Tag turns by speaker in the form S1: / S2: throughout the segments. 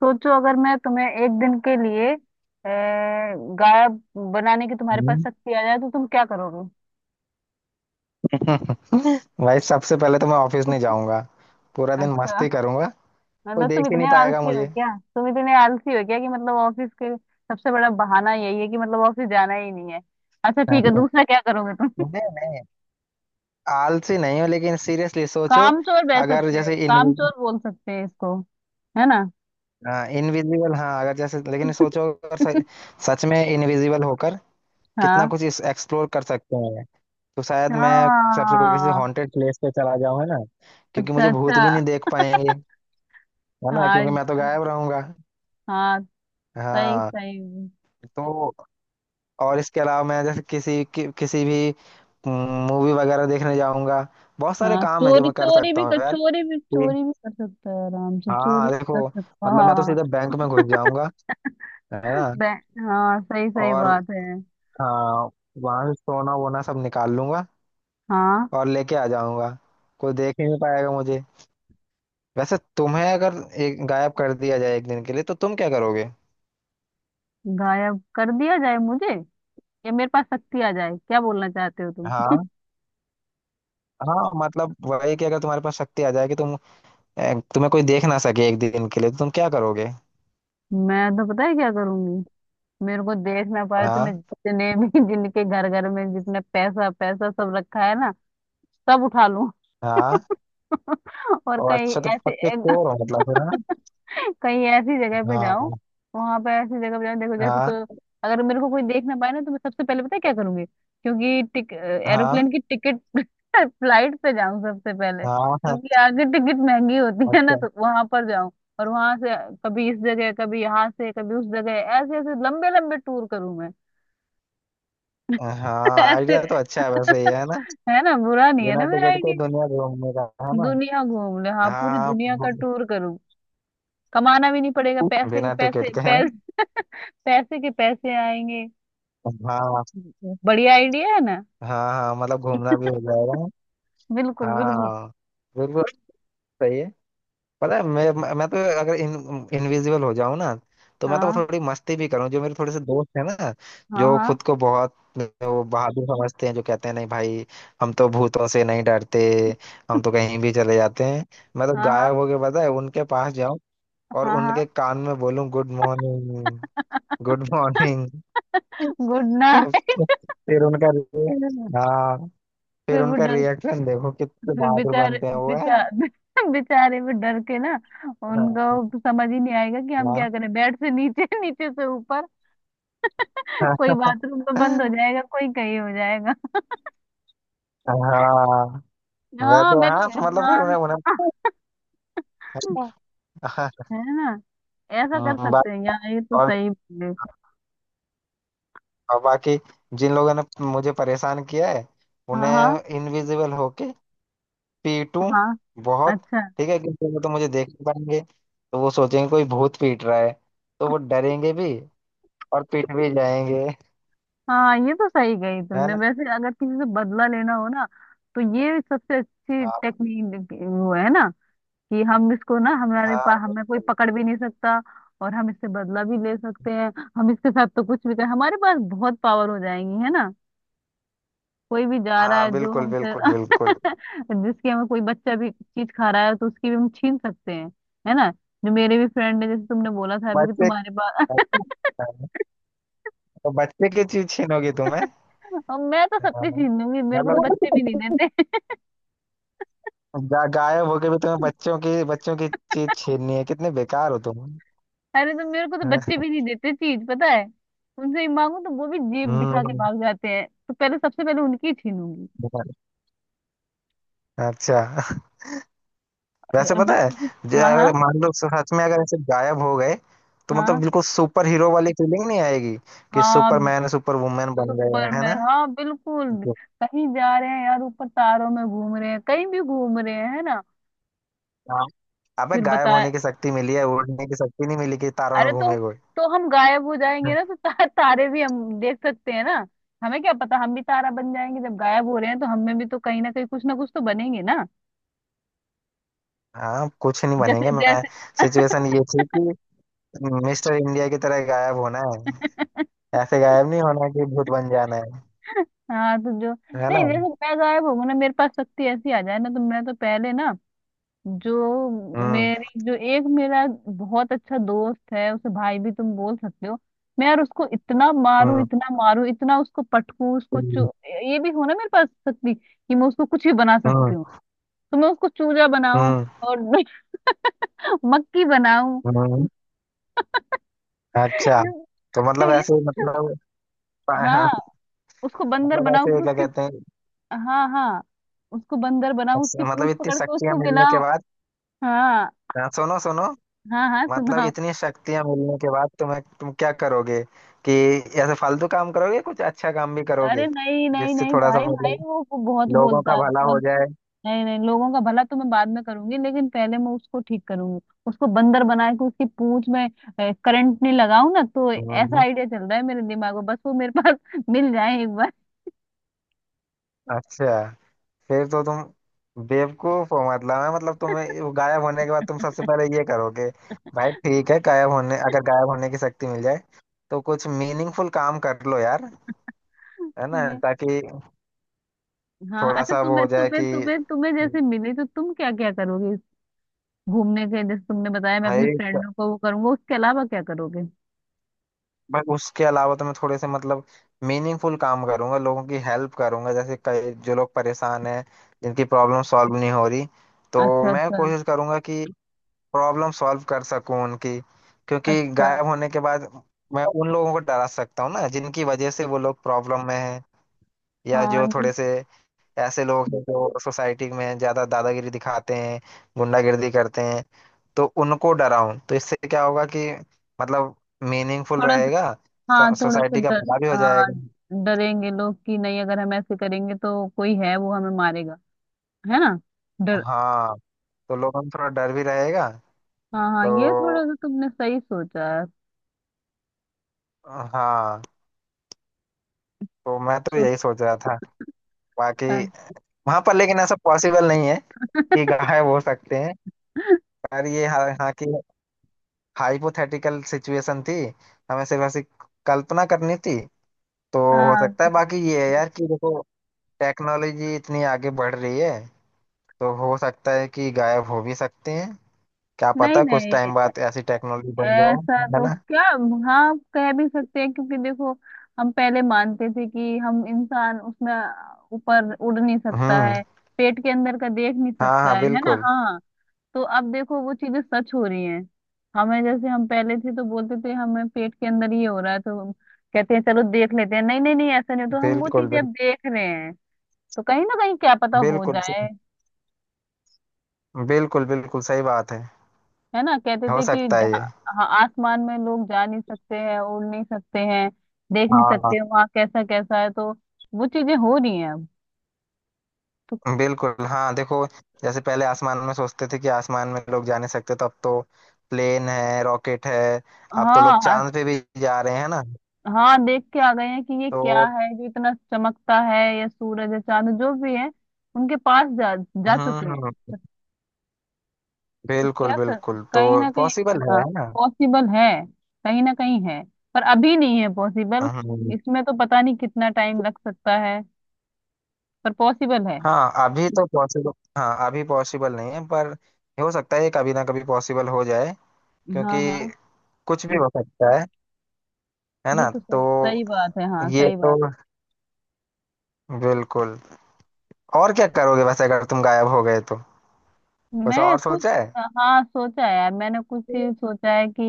S1: सोचो अगर मैं तुम्हें एक दिन के लिए गायब बनाने की तुम्हारे पास
S2: हम्म।
S1: शक्ति आ जाए तो तुम क्या करोगे?
S2: भाई, सबसे पहले तो मैं ऑफिस नहीं जाऊंगा। पूरा दिन
S1: अच्छा,
S2: मस्ती करूंगा। कोई
S1: मतलब तुम
S2: देख ही नहीं
S1: इतने
S2: पाएगा
S1: आलसी हो
S2: मुझे।
S1: क्या? तुम इतने आलसी हो क्या कि मतलब ऑफिस के सबसे बड़ा बहाना यही है कि मतलब ऑफिस जाना ही नहीं है। अच्छा, ठीक है,
S2: नहीं,
S1: दूसरा क्या करोगे तुम?
S2: नहीं, आलसी नहीं हो लेकिन सीरियसली सोचो।
S1: कामचोर बह
S2: अगर
S1: सकते हो,
S2: जैसे
S1: कामचोर
S2: इनविजिबल,
S1: बोल सकते हैं इसको, है ना?
S2: हाँ, इनविजिबल, हाँ, अगर जैसे, लेकिन सोचो, अगर सच, सच में इनविजिबल होकर कितना
S1: हाँ,
S2: कुछ एक्सप्लोर कर सकते हैं। तो शायद मैं सबसे पहले किसी
S1: हाँ।
S2: हॉन्टेड प्लेस पे चला जाऊं, है ना, क्योंकि
S1: अच्छा,
S2: मुझे
S1: अच्छा।
S2: भूत भी नहीं देख पाएंगे। है ना, क्योंकि
S1: हाँ,
S2: मैं तो गायब रहूंगा।
S1: हाँ। सही,
S2: हाँ,
S1: सही।
S2: तो और इसके अलावा मैं जैसे किसी भी मूवी वगैरह देखने जाऊंगा। बहुत सारे
S1: हाँ,
S2: काम है जो
S1: चोरी
S2: मैं कर
S1: चोरी
S2: सकता
S1: भी कर,
S2: हूँ यार। कि-
S1: चोरी भी कर सकता है आराम से, चोरी भी
S2: हाँ,
S1: कर
S2: देखो,
S1: सकता है,
S2: मतलब मैं तो
S1: हाँ।
S2: सीधे बैंक में घुस जाऊंगा। है ना।
S1: बे- हाँ, सही, सही
S2: और
S1: बात है।
S2: हाँ, वहां से सोना वोना सब निकाल लूंगा
S1: हाँ,
S2: और लेके आ जाऊंगा। कोई देख ही नहीं पाएगा मुझे। वैसे तुम्हें अगर एक गायब कर दिया जाए एक दिन के लिए तो तुम क्या करोगे।
S1: गायब कर दिया जाए मुझे या मेरे पास शक्ति आ जाए, क्या बोलना चाहते हो तुम?
S2: हाँ, हाँ, मतलब वही कि अगर तुम्हारे पास शक्ति आ जाए कि तुम्हें कोई देख ना सके एक दिन के लिए तो तुम क्या करोगे।
S1: मैं तो पता है क्या करूंगी। मेरे को देख ना पाए तो मैं
S2: हाँ,
S1: जितने भी जिनके घर घर में जितने पैसा पैसा सब रखा है ना, सब उठा लूं।
S2: हाँ।
S1: और
S2: और
S1: कहीं
S2: अच्छा, तो
S1: ऐसे
S2: पक्के चोर हो मतलब फिर, है ना।
S1: कहीं ऐसी जगह पे जाऊं,
S2: हाँ,
S1: वहां पे ऐसी जगह पे जाऊं। देखो जैसे
S2: हाँ,
S1: तो अगर मेरे को कोई देख ना पाए ना तो मैं सबसे पहले पता है क्या करूंगी, क्योंकि टिक
S2: हाँ,
S1: एरोप्लेन की टिकट फ्लाइट पे जाऊं सबसे पहले,
S2: हाँ, हाँ,
S1: क्योंकि आगे टिकट महंगी होती है ना,
S2: अच्छा।
S1: तो वहां पर जाऊं। और वहां से कभी इस जगह, कभी यहाँ से, कभी उस जगह, ऐसे ऐसे लंबे लंबे टूर करूं मैं।
S2: हाँ,
S1: ऐसे
S2: आइडिया तो अच्छा है वैसे ये, है ना।
S1: है ना, बुरा नहीं है
S2: बिना
S1: ना मेरा
S2: टिकट के
S1: आइडिया?
S2: दुनिया घूमने का, है ना।
S1: दुनिया घूम ले, हाँ, पूरी
S2: हाँ,
S1: दुनिया का
S2: हाँ,
S1: टूर करूं। कमाना भी नहीं पड़ेगा, पैसे के
S2: बिना टिकट
S1: पैसे
S2: के है।
S1: पैसे पैसे के पैसे आएंगे।
S2: हाँ,
S1: बढ़िया आइडिया है ना?
S2: हाँ, हाँ, मतलब घूमना भी हो जाएगा।
S1: बिल्कुल, बिल्कुल।
S2: हाँ, बिल्कुल, सही है। पता है मैं तो अगर इनविजिबल हो जाऊं ना, तो मैं तो
S1: हाँ,
S2: थोड़ी मस्ती भी करूं। जो मेरे थोड़े से दोस्त हैं ना,
S1: हाँ,
S2: जो
S1: हाँ,
S2: खुद को बहुत वो बहादुर समझते हैं, जो कहते हैं नहीं भाई, हम तो भूतों से नहीं डरते, हम तो कहीं भी चले जाते हैं। मैं तो
S1: हाँ, हाँ,
S2: गायब होके पता है उनके पास जाऊं और
S1: हाँ, हाँ।
S2: उनके कान में बोलूं, good morning, good morning.
S1: Good night.
S2: फिर उनका, हाँ, फिर
S1: फिर वो
S2: उनका
S1: डर,
S2: रिएक्शन देखो कितने
S1: फिर
S2: बहादुर
S1: बेचारे,
S2: बनते हैं वो, है।
S1: बेचारे बेचारे वो डर के ना उनका
S2: हाँ,
S1: वो समझ ही नहीं आएगा कि हम
S2: हाँ,
S1: क्या करें, बेड से नीचे नीचे से ऊपर। कोई बाथरूम तो बंद हो जाएगा, कोई कहीं हो जाएगा।
S2: हाँ,
S1: हाँ,
S2: वैसे
S1: मैं
S2: हाँ,
S1: भी,
S2: मतलब फिर
S1: हाँ।
S2: उन्हें उन्हें। हाँ,
S1: है ना? ऐसा कर
S2: हाँ
S1: सकते हैं यार, ये तो
S2: और,
S1: सही।
S2: और बाकी जिन लोगों ने मुझे परेशान किया है
S1: हाँ, हाँ,
S2: उन्हें इनविजिबल होके पीटूं
S1: हाँ।
S2: बहुत।
S1: अच्छा।
S2: ठीक है, क्योंकि वो तो मुझे देख नहीं पाएंगे। तो वो सोचेंगे कोई भूत पीट रहा है। तो वो डरेंगे भी और पीट भी जाएंगे।
S1: हाँ, ये तो सही गई
S2: है
S1: तुमने,
S2: ना।
S1: वैसे अगर किसी से बदला लेना हो ना तो ये सबसे अच्छी
S2: हाँ,
S1: टेक्निक वो है ना, कि हम इसको ना, हमारे
S2: हाँ,
S1: पास, हमें कोई
S2: बिल्कुल,
S1: पकड़ भी नहीं सकता और हम इससे बदला भी ले सकते हैं। हम इसके साथ तो कुछ भी कर, हमारे पास बहुत पावर हो जाएंगी, है ना? कोई भी जा रहा है
S2: हाँ
S1: जो
S2: बिल्कुल,
S1: हमसे
S2: बिल्कुल, बिल्कुल।
S1: जिसके हमें कोई बच्चा भी चीज खा रहा है तो उसकी भी हम छीन सकते हैं, है ना? जो मेरे भी फ्रेंड है जैसे तुमने बोला था अभी कि
S2: बच्चे,
S1: तुम्हारे पास,
S2: तो बच्चे की चीज छीनोगी तुम्हें।
S1: और मैं तो
S2: हाँ,
S1: सबकी छीन लूंगी, मेरे को तो
S2: मतलब
S1: बच्चे भी नहीं देते।
S2: गायब होके भी तुम्हें बच्चों की चीज छीननी है। कितने बेकार हो तुम।
S1: अरे तो मेरे को तो बच्चे
S2: हाँ,
S1: भी नहीं देते चीज, पता है? उनसे ही मांगू तो वो भी जेब दिखा के
S2: हम्म,
S1: भाग जाते हैं, तो पहले सबसे पहले उनकी ही छीनूंगी।
S2: बेकार। अच्छा, वैसे
S1: और
S2: पता है, जो
S1: हाँ,
S2: अगर
S1: हाँ,
S2: मान लो सच में अगर ऐसे गायब हो गए, तो मतलब
S1: हाँ,
S2: बिल्कुल सुपर हीरो वाली फीलिंग नहीं आएगी कि
S1: हाँ।
S2: सुपरमैन, सुपर वुमेन बन गए हैं, है
S1: सुपरमैन,
S2: ना।
S1: हाँ, बिल्कुल।
S2: जी।
S1: कहीं जा रहे हैं यार, ऊपर तारों में घूम रहे हैं, कहीं भी घूम रहे हैं, है ना?
S2: हाँ। अबे,
S1: फिर
S2: गायब
S1: बताए।
S2: होने की शक्ति मिली है, उड़ने की शक्ति नहीं मिली कि तारों में
S1: अरे तो
S2: घूमे हुए।
S1: हम गायब हो जाएंगे ना, तो तारे भी हम देख सकते हैं ना? हमें क्या पता, हम भी तारा बन जाएंगे, जब गायब हो रहे हैं तो हमें भी तो कहीं ना कहीं कुछ ना कुछ तो बनेंगे ना।
S2: हाँ, कुछ नहीं
S1: जैसे
S2: बनेंगे। मैं,
S1: जैसे
S2: सिचुएशन ये थी कि मिस्टर इंडिया की तरह गायब होना है, ऐसे गायब नहीं होना कि भूत बन जाना है
S1: हाँ, तो जो
S2: है ना।
S1: नहीं, जैसे मैं गायब होंगी ना, मेरे पास शक्ति ऐसी आ जाए ना तो मैं तो पहले ना, जो
S2: हम्म।
S1: मेरी जो एक मेरा बहुत अच्छा दोस्त है, उसे भाई भी तुम बोल सकते हो। मैं यार उसको इतना मारूं,
S2: हम्म।
S1: इतना मारूं, इतना उसको पटकूं, उसको चू ये भी हो ना मेरे पास शक्ति कि मैं उसको कुछ भी बना सकती
S2: हम्म।
S1: हूँ, तो मैं उसको चूजा बनाऊं
S2: हम्म।
S1: और मक्खी बनाऊं।
S2: हम्म, अच्छा। तो मतलब
S1: ये-
S2: ऐसे, मतलब हाँ,
S1: हाँ, उसको बंदर
S2: मतलब
S1: बनाऊं,
S2: ऐसे
S1: फिर
S2: क्या
S1: उसकी,
S2: कहते हैं,
S1: हाँ, हाँ। उसको बंदर बनाओ, उसकी
S2: मतलब
S1: पूंछ
S2: इतनी
S1: पकड़ के
S2: शक्तियां
S1: उसको
S2: मिलने के
S1: गिलाओ।
S2: बाद।
S1: हाँ,
S2: हाँ, सुनो, सुनो,
S1: हाँ, हाँ,
S2: मतलब
S1: सुनाओ।
S2: इतनी शक्तियां मिलने के बाद तुम्हें, तुम क्या करोगे? कि ऐसे फालतू काम करोगे, कुछ अच्छा काम भी करोगे
S1: अरे, नहीं, नहीं,
S2: जिससे
S1: नहीं,
S2: थोड़ा सा,
S1: भाई, भाई,
S2: मतलब,
S1: वो बहुत
S2: लोगों
S1: बोलता
S2: का
S1: है,
S2: भला हो
S1: बहुत।
S2: जाए।
S1: नहीं, नहीं, लोगों का भला तो मैं बाद में करूंगी, लेकिन पहले मैं उसको ठीक करूंगी। उसको बंदर बना के उसकी पूंछ में करंट नहीं लगाऊं ना, तो ऐसा
S2: हम्म,
S1: आइडिया चल रहा है मेरे दिमाग में, बस वो मेरे पास मिल जाए एक बार।
S2: अच्छा। फिर तो तुम बेवकूफ हो, मतलब है मतलब तुम्हें वो गायब होने के बाद तुम सबसे पहले ये करोगे। भाई ठीक है, गायब होने, अगर गायब होने की शक्ति मिल जाए तो कुछ मीनिंगफुल काम कर लो यार, है ना,
S1: मैं,
S2: ताकि
S1: हाँ,
S2: थोड़ा
S1: अच्छा,
S2: सा वो
S1: तुम्हें
S2: हो जाए
S1: तुम्हें
S2: कि,
S1: तुम्हें तुम्हें जैसे मिली तो तुम क्या क्या करोगे इस घूमने के जैसे तुमने बताया, मैं अपनी
S2: भाई,
S1: फ्रेंडों को वो करूंगा, उसके अलावा क्या करोगे?
S2: भाई उसके अलावा तो मैं थोड़े से, मतलब, मीनिंगफुल काम करूंगा, लोगों की हेल्प करूंगा। जैसे कई जो लोग परेशान हैं, जिनकी प्रॉब्लम सॉल्व नहीं हो रही, तो
S1: अच्छा,
S2: मैं
S1: अच्छा,
S2: कोशिश करूंगा कि प्रॉब्लम सॉल्व कर सकूं उनकी। क्योंकि
S1: अच्छा।
S2: गायब होने के बाद मैं उन लोगों को डरा सकता हूँ ना, जिनकी वजह से वो लोग प्रॉब्लम में हैं, या
S1: हाँ,
S2: जो
S1: ये
S2: थोड़े से ऐसे लोग हैं जो सोसाइटी में ज्यादा दादागिरी दिखाते हैं, गुंडागिर्दी करते हैं, तो उनको डराऊं। तो इससे क्या होगा कि, मतलब, मीनिंगफुल
S1: थोड़ा सा,
S2: रहेगा,
S1: हाँ, थोड़ा सा
S2: सोसाइटी का
S1: डर,
S2: भला भी हो
S1: हाँ।
S2: जाएगा।
S1: डरेंगे लोग कि नहीं, अगर हम ऐसे करेंगे तो कोई है वो हमें मारेगा, है ना? डर।
S2: हाँ, तो लोगों में थोड़ा डर भी रहेगा।
S1: हाँ, हाँ,
S2: तो
S1: ये थोड़ा सा तुमने सही सोचा है।
S2: हाँ, तो मैं तो
S1: सुन।
S2: यही सोच रहा था। बाकी वहां पर, लेकिन ऐसा पॉसिबल नहीं है कि गायब हो सकते हैं। पर ये हाँ कि हाइपोथेटिकल सिचुएशन थी, हमें सिर्फ ऐसी कल्पना करनी थी, तो हो
S1: हाँ,
S2: सकता है।
S1: बिल्कुल।
S2: बाकी ये है यार कि देखो टेक्नोलॉजी इतनी आगे बढ़ रही है, तो हो सकता है कि गायब हो भी सकते हैं। क्या
S1: नहीं,
S2: पता कुछ
S1: नहीं,
S2: टाइम बाद ऐसी टेक्नोलॉजी बन
S1: ऐसा
S2: जाए, है
S1: तो
S2: ना।
S1: क्या, हाँ, कह भी सकते हैं, क्योंकि देखो हम पहले मानते थे कि हम इंसान उसमें ऊपर उड़ नहीं सकता
S2: हम्म।
S1: है, पेट के अंदर का देख नहीं
S2: हाँ,
S1: सकता
S2: हाँ,
S1: है ना?
S2: बिल्कुल,
S1: हाँ, तो अब देखो वो चीजें सच हो रही हैं। हमें जैसे हम पहले थे तो बोलते थे, हमें पेट के अंदर ये हो रहा है तो हम कहते हैं चलो देख लेते हैं, नहीं, नहीं, नहीं, ऐसा नहीं हो, तो हम वो
S2: बिल्कुल,
S1: चीजें
S2: बिल्कुल,
S1: अब देख रहे हैं। तो कहीं ना कहीं क्या पता हो
S2: बिल्कुल,
S1: जाए,
S2: बिल्कुल, बिल्कुल सही बात है,
S1: है ना? कहते
S2: हो
S1: थे कि
S2: सकता है ये।
S1: हाँ, आसमान में लोग जा नहीं सकते हैं, उड़ नहीं सकते हैं, देख नहीं
S2: हाँ,
S1: सकते वहाँ कैसा कैसा है, तो वो चीजें हो रही हैं अब। तो
S2: बिल्कुल, हाँ देखो, जैसे पहले आसमान में सोचते थे कि आसमान में लोग जा नहीं सकते, तो अब तो प्लेन है, रॉकेट है, अब तो
S1: हाँ,
S2: लोग
S1: हाँ,
S2: चांद पे भी जा रहे हैं ना।
S1: हाँ, देख के आ गए हैं कि ये क्या
S2: तो
S1: है जो इतना चमकता है, या सूरज या चांद, जो भी है, उनके पास जा जा चुके
S2: हम्म,
S1: हैं। तो
S2: बिल्कुल,
S1: क्या कर,
S2: बिल्कुल, तो
S1: कहीं ना कहीं,
S2: पॉसिबल है
S1: हाँ,
S2: है ना।
S1: पॉसिबल है, कहीं ना कहीं है, पर अभी नहीं है पॉसिबल।
S2: हम्म,
S1: इसमें तो पता नहीं कितना टाइम लग सकता है, पर पॉसिबल है।
S2: हाँ, अभी तो पॉसिबल, हाँ अभी पॉसिबल नहीं है पर हो सकता है ये कभी ना कभी पॉसिबल हो जाए, क्योंकि
S1: हाँ, हाँ,
S2: कुछ भी हो सकता है
S1: ये
S2: ना।
S1: तो
S2: तो
S1: सही, सही बात है, हाँ,
S2: ये
S1: सही
S2: तो,
S1: बात।
S2: बिल्कुल। और क्या करोगे वैसे, अगर तुम गायब हो गए तो? कुछ
S1: मैं
S2: और
S1: कुछ,
S2: सोचा
S1: हाँ, सोचा है यार, मैंने कुछ
S2: है?
S1: ही सोचा है कि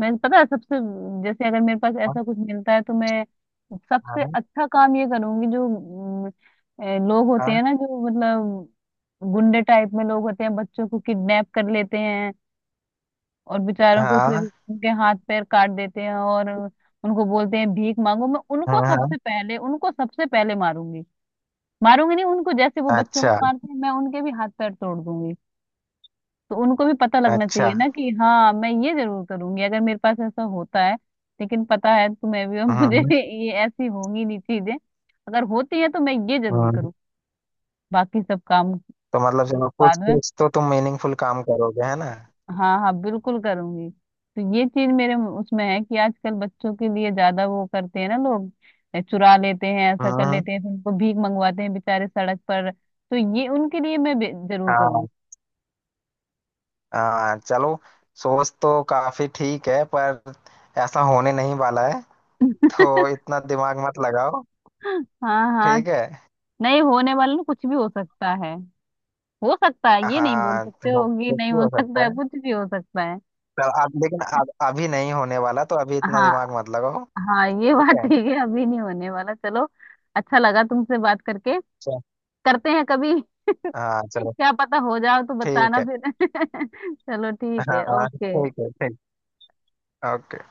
S1: मैं, पता है, सबसे जैसे अगर मेरे पास ऐसा कुछ मिलता है तो मैं सबसे
S2: हाँ,
S1: अच्छा काम ये करूंगी। जो ए, लोग होते
S2: हाँ,
S1: हैं ना जो मतलब गुंडे टाइप में लोग होते हैं, बच्चों को किडनैप कर लेते हैं और बेचारों को फिर
S2: हाँ,
S1: उनके हाथ पैर काट देते हैं और उनको बोलते हैं भीख मांगो, मैं
S2: हाँ,
S1: उनको
S2: हाँ, हाँ,
S1: सबसे पहले मारूंगी। मारूंगी नहीं, उनको जैसे वो बच्चों को
S2: अच्छा,
S1: मारते हैं, मैं उनके भी हाथ पैर तोड़ दूंगी। तो उनको भी पता लगना
S2: अच्छा।
S1: चाहिए ना कि हाँ मैं ये जरूर करूंगी अगर मेरे पास ऐसा होता है। लेकिन पता है तुम्हें भी और मुझे
S2: हम्म।
S1: भी ये ऐसी होंगी नहीं चीजें। अगर होती है तो मैं ये जरूर
S2: हम्म।
S1: करूँ, बाकी सब काम
S2: तो मतलब चलो कुछ
S1: बाद में,
S2: कुछ तो तुम मीनिंगफुल काम करोगे, है ना।
S1: हाँ, हाँ, बिल्कुल करूंगी। तो ये चीज मेरे उसमें है कि आजकल बच्चों के लिए ज्यादा वो करते हैं ना लोग, ए, चुरा लेते हैं, ऐसा
S2: हम्म,
S1: कर लेते हैं, फिर उनको भीख मंगवाते हैं बेचारे सड़क पर, तो ये उनके लिए मैं जरूर करूंगी।
S2: हाँ, हाँ चलो। सोच तो काफी ठीक है पर ऐसा होने नहीं वाला है, तो इतना दिमाग मत लगाओ।
S1: हाँ, हाँ।
S2: ठीक है।
S1: नहीं होने वाला ना, कुछ भी हो सकता है, हो सकता है, ये नहीं बोल
S2: हाँ
S1: सकते,
S2: चलो,
S1: होगी
S2: कुछ
S1: नहीं,
S2: भी
S1: हो
S2: हो
S1: सकता
S2: सकता
S1: है,
S2: है।
S1: कुछ भी हो सकता है।
S2: चल, अब लेकिन अब अभी नहीं होने वाला, तो अभी इतना
S1: हाँ,
S2: दिमाग मत लगाओ।
S1: हाँ, ये
S2: ठीक
S1: बात
S2: है।
S1: ठीक है, अभी नहीं होने वाला, चलो। अच्छा लगा तुमसे बात करके।
S2: चल।
S1: करते हैं कभी।
S2: हाँ, चलो,
S1: क्या पता हो जाओ तो
S2: ठीक
S1: बताना
S2: है।
S1: फिर। चलो, ठीक है,
S2: हाँ, ठीक
S1: ओके।
S2: है, ठीक, ओके।